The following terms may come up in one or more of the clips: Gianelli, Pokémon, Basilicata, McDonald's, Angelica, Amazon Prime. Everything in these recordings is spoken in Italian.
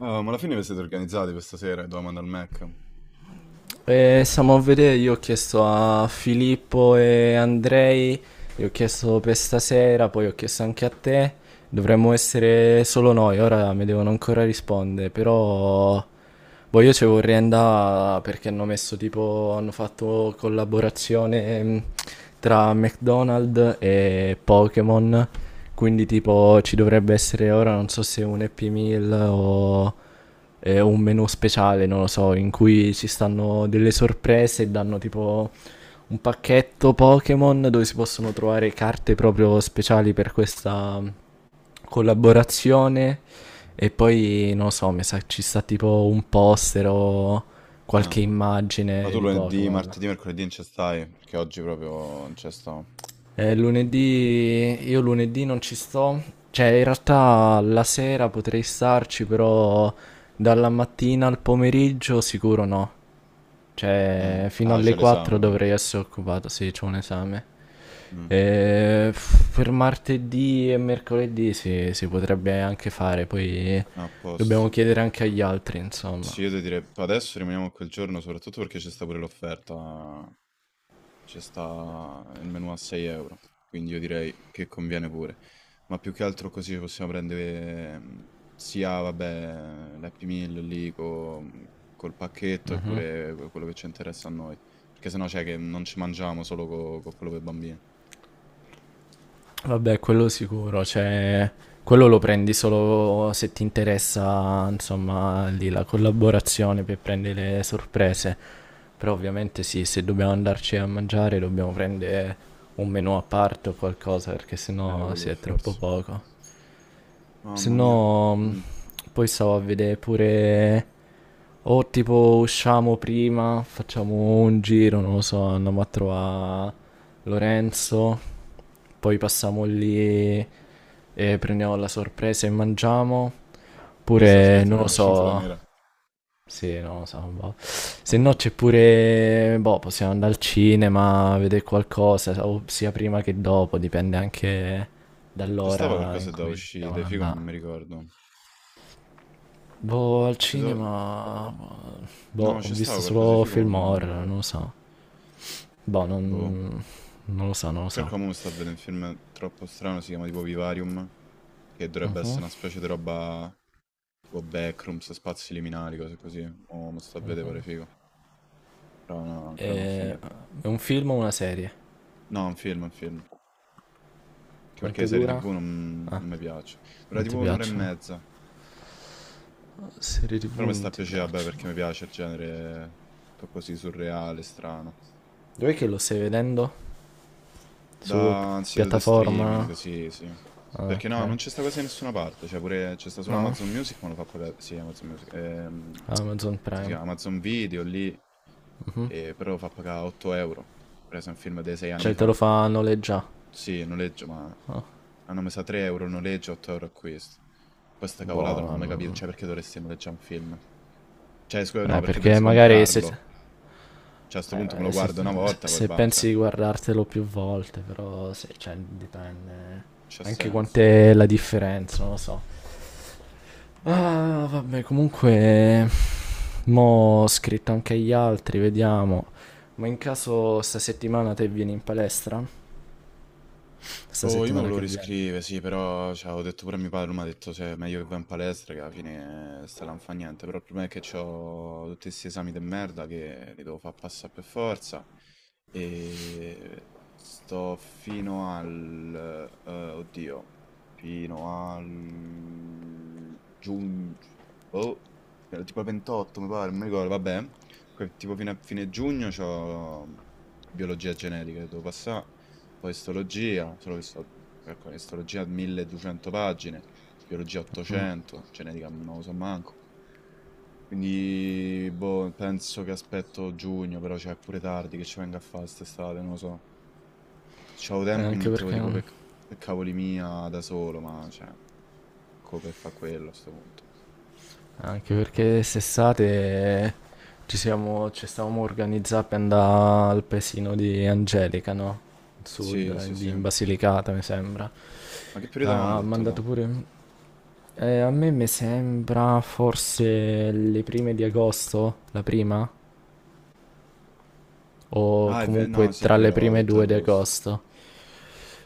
Ah, ma alla fine vi siete organizzati questa sera e domanda al Mac? E siamo a vedere, io ho chiesto a Filippo e Andrei, gli ho chiesto per stasera, poi ho chiesto anche a te. Dovremmo essere solo noi, ora mi devono ancora rispondere, però boh, io ci vorrei andare perché hanno messo tipo, hanno fatto collaborazione tra McDonald's e Pokémon, quindi tipo ci dovrebbe essere ora, non so se un Happy Meal o un menu speciale, non lo so, in cui ci stanno delle sorprese e danno tipo un pacchetto Pokémon dove si possono trovare carte proprio speciali per questa, collaborazione. E poi non lo so, mi sa che ci sta tipo un poster o Ah, qualche ma immagine tu di lunedì, Pokémon. martedì, mercoledì non ci stai? Perché oggi proprio non ci sto. Lunedì, io lunedì non ci sto, cioè in realtà la sera potrei starci, però dalla mattina al pomeriggio sicuro no. Cioè, Mm. fino Ah, c'è alle 4 l'esame. dovrei essere occupato, sì, c'ho un esame. Mm. Per martedì e mercoledì sì, si potrebbe anche fare, poi Ah, a dobbiamo posto. chiedere anche agli altri, insomma. Sì, io ti direi adesso rimaniamo a quel giorno, soprattutto perché c'è sta pure l'offerta. C'è sta il menù a 6 €, quindi io direi che conviene pure. Ma più che altro così possiamo prendere sia, vabbè, l'Happy Meal lì col pacchetto e pure quello che ci interessa a noi. Perché sennò c'è che non ci mangiamo solo con quello per bambini. Vabbè, quello sicuro, cioè, quello lo prendi solo se ti interessa, insomma, lì la collaborazione per prendere le sorprese. Però ovviamente sì, se dobbiamo andarci a mangiare dobbiamo prendere un menù a parte o qualcosa, perché sennò Quello si per è troppo forza. poco. Se Mamma mia. no, Mm. poi stavo a vedere pure... O tipo usciamo prima, facciamo un giro, non lo so, andiamo a trovare Lorenzo, poi passiamo lì e prendiamo la sorpresa e mangiamo. Qui sta Oppure, scritto non lo prima cintura so, nera. sì, non lo so, boh. Se no Vabbè. c'è pure, boh, possiamo andare al cinema, a vedere qualcosa, o sia prima che dopo, dipende anche C'è stava dall'ora in qualcosa da cui decidiamo uscire, di figo, ma non mi andare. ricordo. Boh, al Ti do- cinema, No, boh, ho c'è stava visto qualcosa di solo figo, ma film non mi horror, ricordo. non lo so. Boh, non, Boh. non lo so, non lo so. Calcola mo mi sta a vedere un film troppo strano, si chiama tipo Vivarium, che dovrebbe Mhm. essere una specie di roba tipo backrooms, spazi liminari, cose così. Mo mi sta a vedere pare figo, però no, ancora non ho Eh, finito. è un film o una serie? No, un film, un film. Che perché le Quanto serie dura? TV non, Ah, non mi piace. Dura non tipo ti un'ora e piacciono. mezza, Serie TV però mi sta a non ti piacere, vabbè, perché piacciono. mi piace il genere tutto così surreale, strano. Dov'è che lo stai vedendo? Su Da un sito di streaming, piattaforma? sì, sì. Ah, Perché ok. no, non c'è sta quasi da nessuna parte, cioè pure c'è sta solo No, Amazon Music, ma lo fa pagare, sì, Amazon Music, come Amazon si Prime. chiama? Amazon Video lì, Mhm. Però lo fa pagare 8 euro, per esempio un film dei 6 anni Cioè te lo fa, fa noleggiare. sì, noleggio, ma Ah, hanno messo a 3 € il noleggio, 8 € acquisto. Poi sta cavolata non ho boh. mai capito, Mm. cioè perché dovresti noleggiare un film? Cioè, scusa, no, perché Perché dovresti magari se, comprarlo? Cioè, a sto punto me lo se, guardo una volta, poi se va, cioè, pensi di guardartelo più volte, però se, cioè, dipende c'ha anche senso. quant'è la differenza, non lo so. Ah, vabbè, comunque mo' ho scritto anche agli altri, vediamo. Ma in caso sta settimana te vieni in palestra? Sta Boh, io me settimana volevo che viene. riscrivere, sì, però cioè, ho detto pure a mio padre, mi ha detto se è meglio che vai in palestra, che alla fine sta là non fa niente, però il problema è che ho tutti questi esami di merda che li devo far passare per forza e sto fino al, oddio, fino al giugno, boh, fino al tipo al 28 mi pare, non mi ricordo, vabbè, tipo fino a fine giugno ho biologia genetica che devo passare poi istologia, solo che calcola che istologia 1.200 pagine, biologia Mm, 800, genetica non lo so manco. Quindi, boh, penso che aspetto giugno, però c'è pure tardi che ci venga a fare quest'estate, non lo so. Se c'avevo tempo mi Anche mettevo perché, tipo per cavoli mia da solo, ma cioè, come per fa quello a sto punto. anche perché st'estate ci stavamo organizzando per andare al paesino di Angelica, no? Al Sud, Sì, sì, sì. in Ma Basilicata, mi sembra. che Che periodo avevamo ha detto là? mandato pure... a me mi sembra forse le prime di agosto, la prima? O Ah, no, comunque sì, è tra vero, le avevamo prime detto due di agosto. agosto.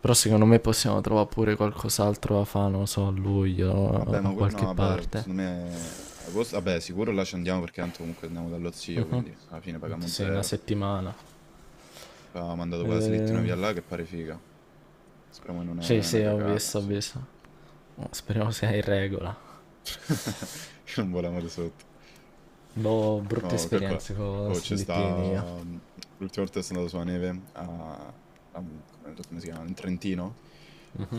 Però secondo me possiamo trovare pure qualcos'altro da fare, non lo so, a luglio, Vabbè, a ma que no, qualche vabbè, parte. secondo me agosto vabbè, sicuro là ci andiamo perché tanto comunque andiamo dallo zio, quindi alla fine Tanto pagammo sì, una 0. settimana. Poi avevamo mandato quella slittino Eh, via là che pare figa. Speriamo che non è sì, sì, una ho cagata, visto, ho sì. visto. Speriamo sia in regola. Che non voliamo di sotto. Boh, brutte No, calcola. esperienze con Oh, slittini io. L'ultima volta che sono andato sulla neve, a- come, come si chiama? In Trentino.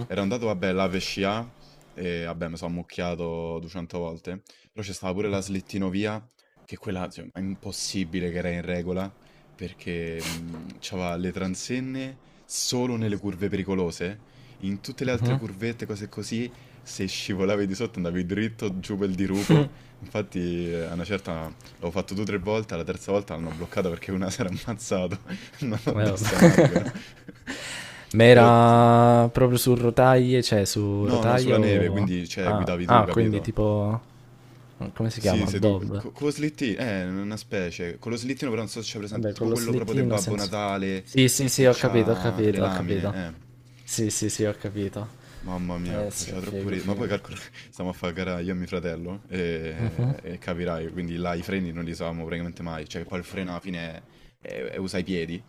Ero andato, vabbè, là per scià, e vabbè, mi sono ammucchiato 200 volte. Però c'è stata pure la slittinovia, che quella, cioè, è impossibile che era in regola, perché c'aveva le transenne solo nelle curve pericolose. In tutte le altre Mhm. curvette, cose così, se scivolavi di sotto andavi dritto giù per il dirupo. Infatti, a una certa l'ho fatto due o tre volte, la terza volta l'hanno bloccata perché una si era ammazzato, non addosso a un Vabbè. albero. Ma Però, era proprio su rotaie, cioè su no, no, sulla rotaia neve, o... quindi, cioè, Ah, guidavi tu, ah, quindi capito? tipo... Come si Sì, chiama? sei tu. Bob. Con lo slittino, una specie. Con lo slittino però non so se c'è presente, Vabbè, tipo con lo quello proprio del slittino Babbo senza... Natale, Sì, sì, sì, che ho capito, ho c'ha le capito, ho lamine, capito. eh. Sì, sì, sì, ho capito. Mamma mia, Eh sì, faceva troppo figo, ridere. Ma poi figo. calcolo, stiamo a fare gara io e mio fratello Mhm, e capirai, quindi là i freni non li usavamo praticamente mai, cioè poi il freno alla fine usa i piedi.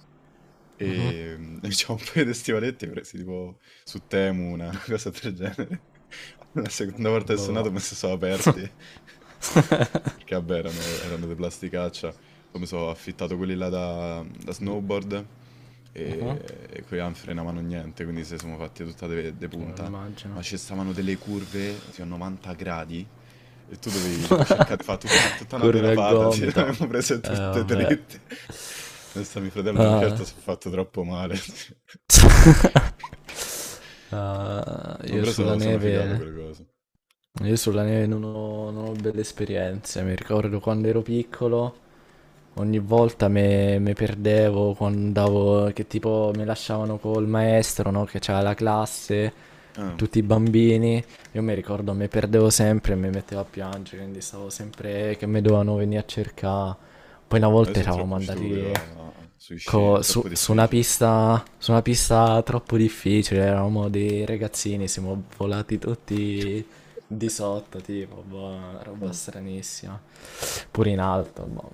mhm, E c'è un paio di stivaletti presi tipo su Temu, una cosa del genere. La seconda volta che sono boh. andato mi si sono aperti. Perché vabbè Sì, erano di plasticaccia, poi mi sono affittato quelli là da snowboard mhm, e quelli là non frenavano niente, quindi se siamo fatti tutta de come punta. immagino. Ma ci stavano delle curve, sì, a 90 gradi, e tu dovevi tipo cercare di fare tutta una Curve a derapata, sì, gomito. l'avevamo prese tutte Vabbè. dritte. Adesso mio fratello a una certa Ah. si è fatto troppo male. Sì. Ah, No, io però sulla sono figato neve... quelle cose. Io sulla neve non ho belle esperienze. Mi ricordo quando ero piccolo. Ogni volta me perdevo quando andavo, che tipo mi lasciavano col maestro, no? Che c'era la classe, Ah, tutti i bambini. Io mi ricordo, me perdevo sempre e mi mettevo a piangere, quindi stavo sempre che mi dovevano venire a cercare. Poi una volta adesso è eravamo troppo stupido andati sui sci, è co- su, troppo su una difficile. pista, su una pista troppo difficile, eravamo dei ragazzini, siamo volati tutti di sotto, tipo, boh, una roba stranissima. Pure in alto, boh.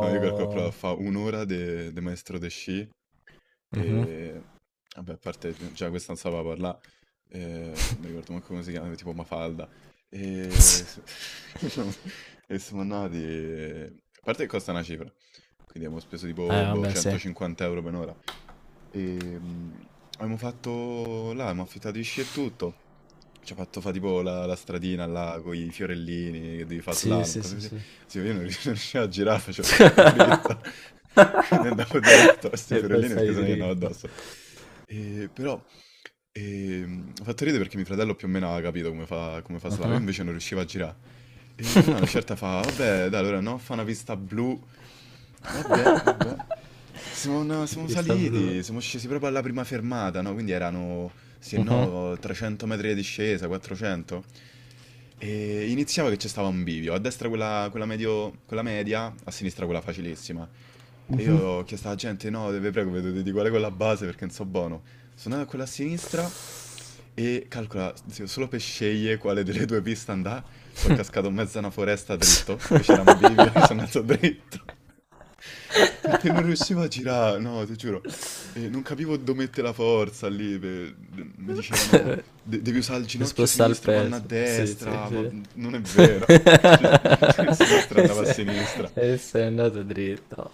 No, io calcolo però fa un'ora de maestro de sci mhm. e vabbè, a parte già questa non sapeva parlare, non mi ricordo manco come si chiama, tipo Mafalda. E, s- e siamo andati, a parte che costa una cifra, quindi abbiamo speso tipo boh, vabbè, sì. 150 € per un'ora. Ehm, abbiamo fatto là, abbiamo affittato i sci e tutto. Ci ha fatto fa tipo la stradina là con i fiorellini, che devi fare Sì, slalom, sì, cose sì, così. sì. Sì, io non rius- non riuscivo a girare, facevo tutta dritta. Quindi andavo delato a questi E fiorellini perché passare sennò gli andavo dritto. addosso. E però, ha fatto ridere perché mio fratello più o meno aveva capito come fa Slava, io Mhm. invece non riuscivo a girare. E allora una certa fa, vabbè, dai, allora no, fa una pista blu. Vabbè, vabbè. Siamo, una- La siamo pista blu. saliti, siamo scesi proprio alla prima fermata, no? Quindi erano, se Mhm. no, 300 metri di discesa, 400. E iniziava che c'è stava un bivio, a destra quella media, a sinistra quella facilissima. E io ho chiesto alla gente, no, vi prego, vedete di qual è quella base perché non so buono. Sono andata con la sinistra e calcola, zio, solo per scegliere quale delle due piste andare, sono cascato in mezzo a una foresta dritto, perché c'era un bivio e sono andato dritto. Perché non riuscivo a girare, no, ti giuro. E non capivo dove mettere la forza lì. Mi dicevano, devi usare il Di ginocchio spostare il sinistro, panna a peso. Sì, sì, destra", ma sì. non è vero. Cioè, sinistra e andava a sei, sinistra. e sei andato dritto.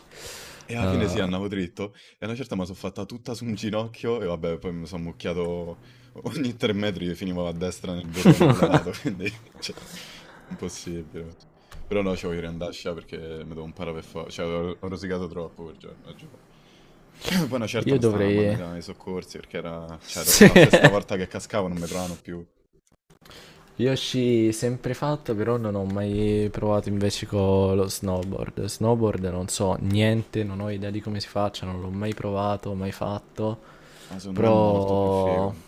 E alla fine sì, Ah. andavo dritto e una certa me la so' fatta tutta su un ginocchio e vabbè, poi mi so' ammucchiato ogni 3 metri, finivo a destra nel burrone dell'auto, quindi cioè impossibile. Però no, ci voglio riandà a scia perché mi devo imparare per for cioè ho rosicato troppo quel giorno, lo giuro. Poi una certa io mi stavano a dovrei mannare i soccorsi perché era, cioè do sì. era la sesta volta che cascavo, non mi provavano più, Yoshi sempre fatto, però non ho mai provato invece con lo snowboard. Snowboard non so niente, non ho idea di come si faccia, non l'ho mai provato, mai fatto. ma secondo me è molto più Però, figo.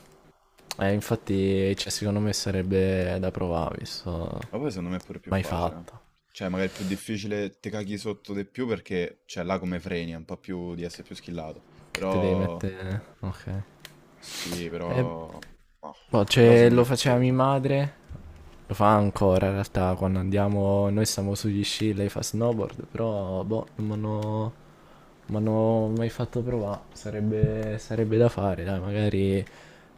infatti, cioè, secondo me sarebbe da provare, visto Ma poi secondo me è pure più mai facile, eh. fatto. Cioè, magari è più difficile, te caghi sotto di più perché, cioè, là come freni, è un po' più di essere più skillato. Che te devi Però, mettere... Ok. sì, Eh, però, ah, boh, però cioè, secondo me lo è più faceva figo, mia cioè. madre, lo fa ancora in realtà, quando andiamo, noi stiamo sugli sci, lei fa snowboard, però boh, non m'hanno non m'hanno mai fatto provare, sarebbe da fare, dai, magari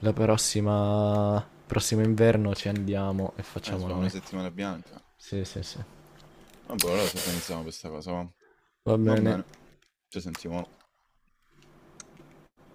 prossimo inverno ci andiamo e facciamo Adesso fa una noi. settimana bianca. Sì, sì, sì. Vabbè, allora ci organizziamo questa cosa, va. Va Va bene. bene, ci sentiamo.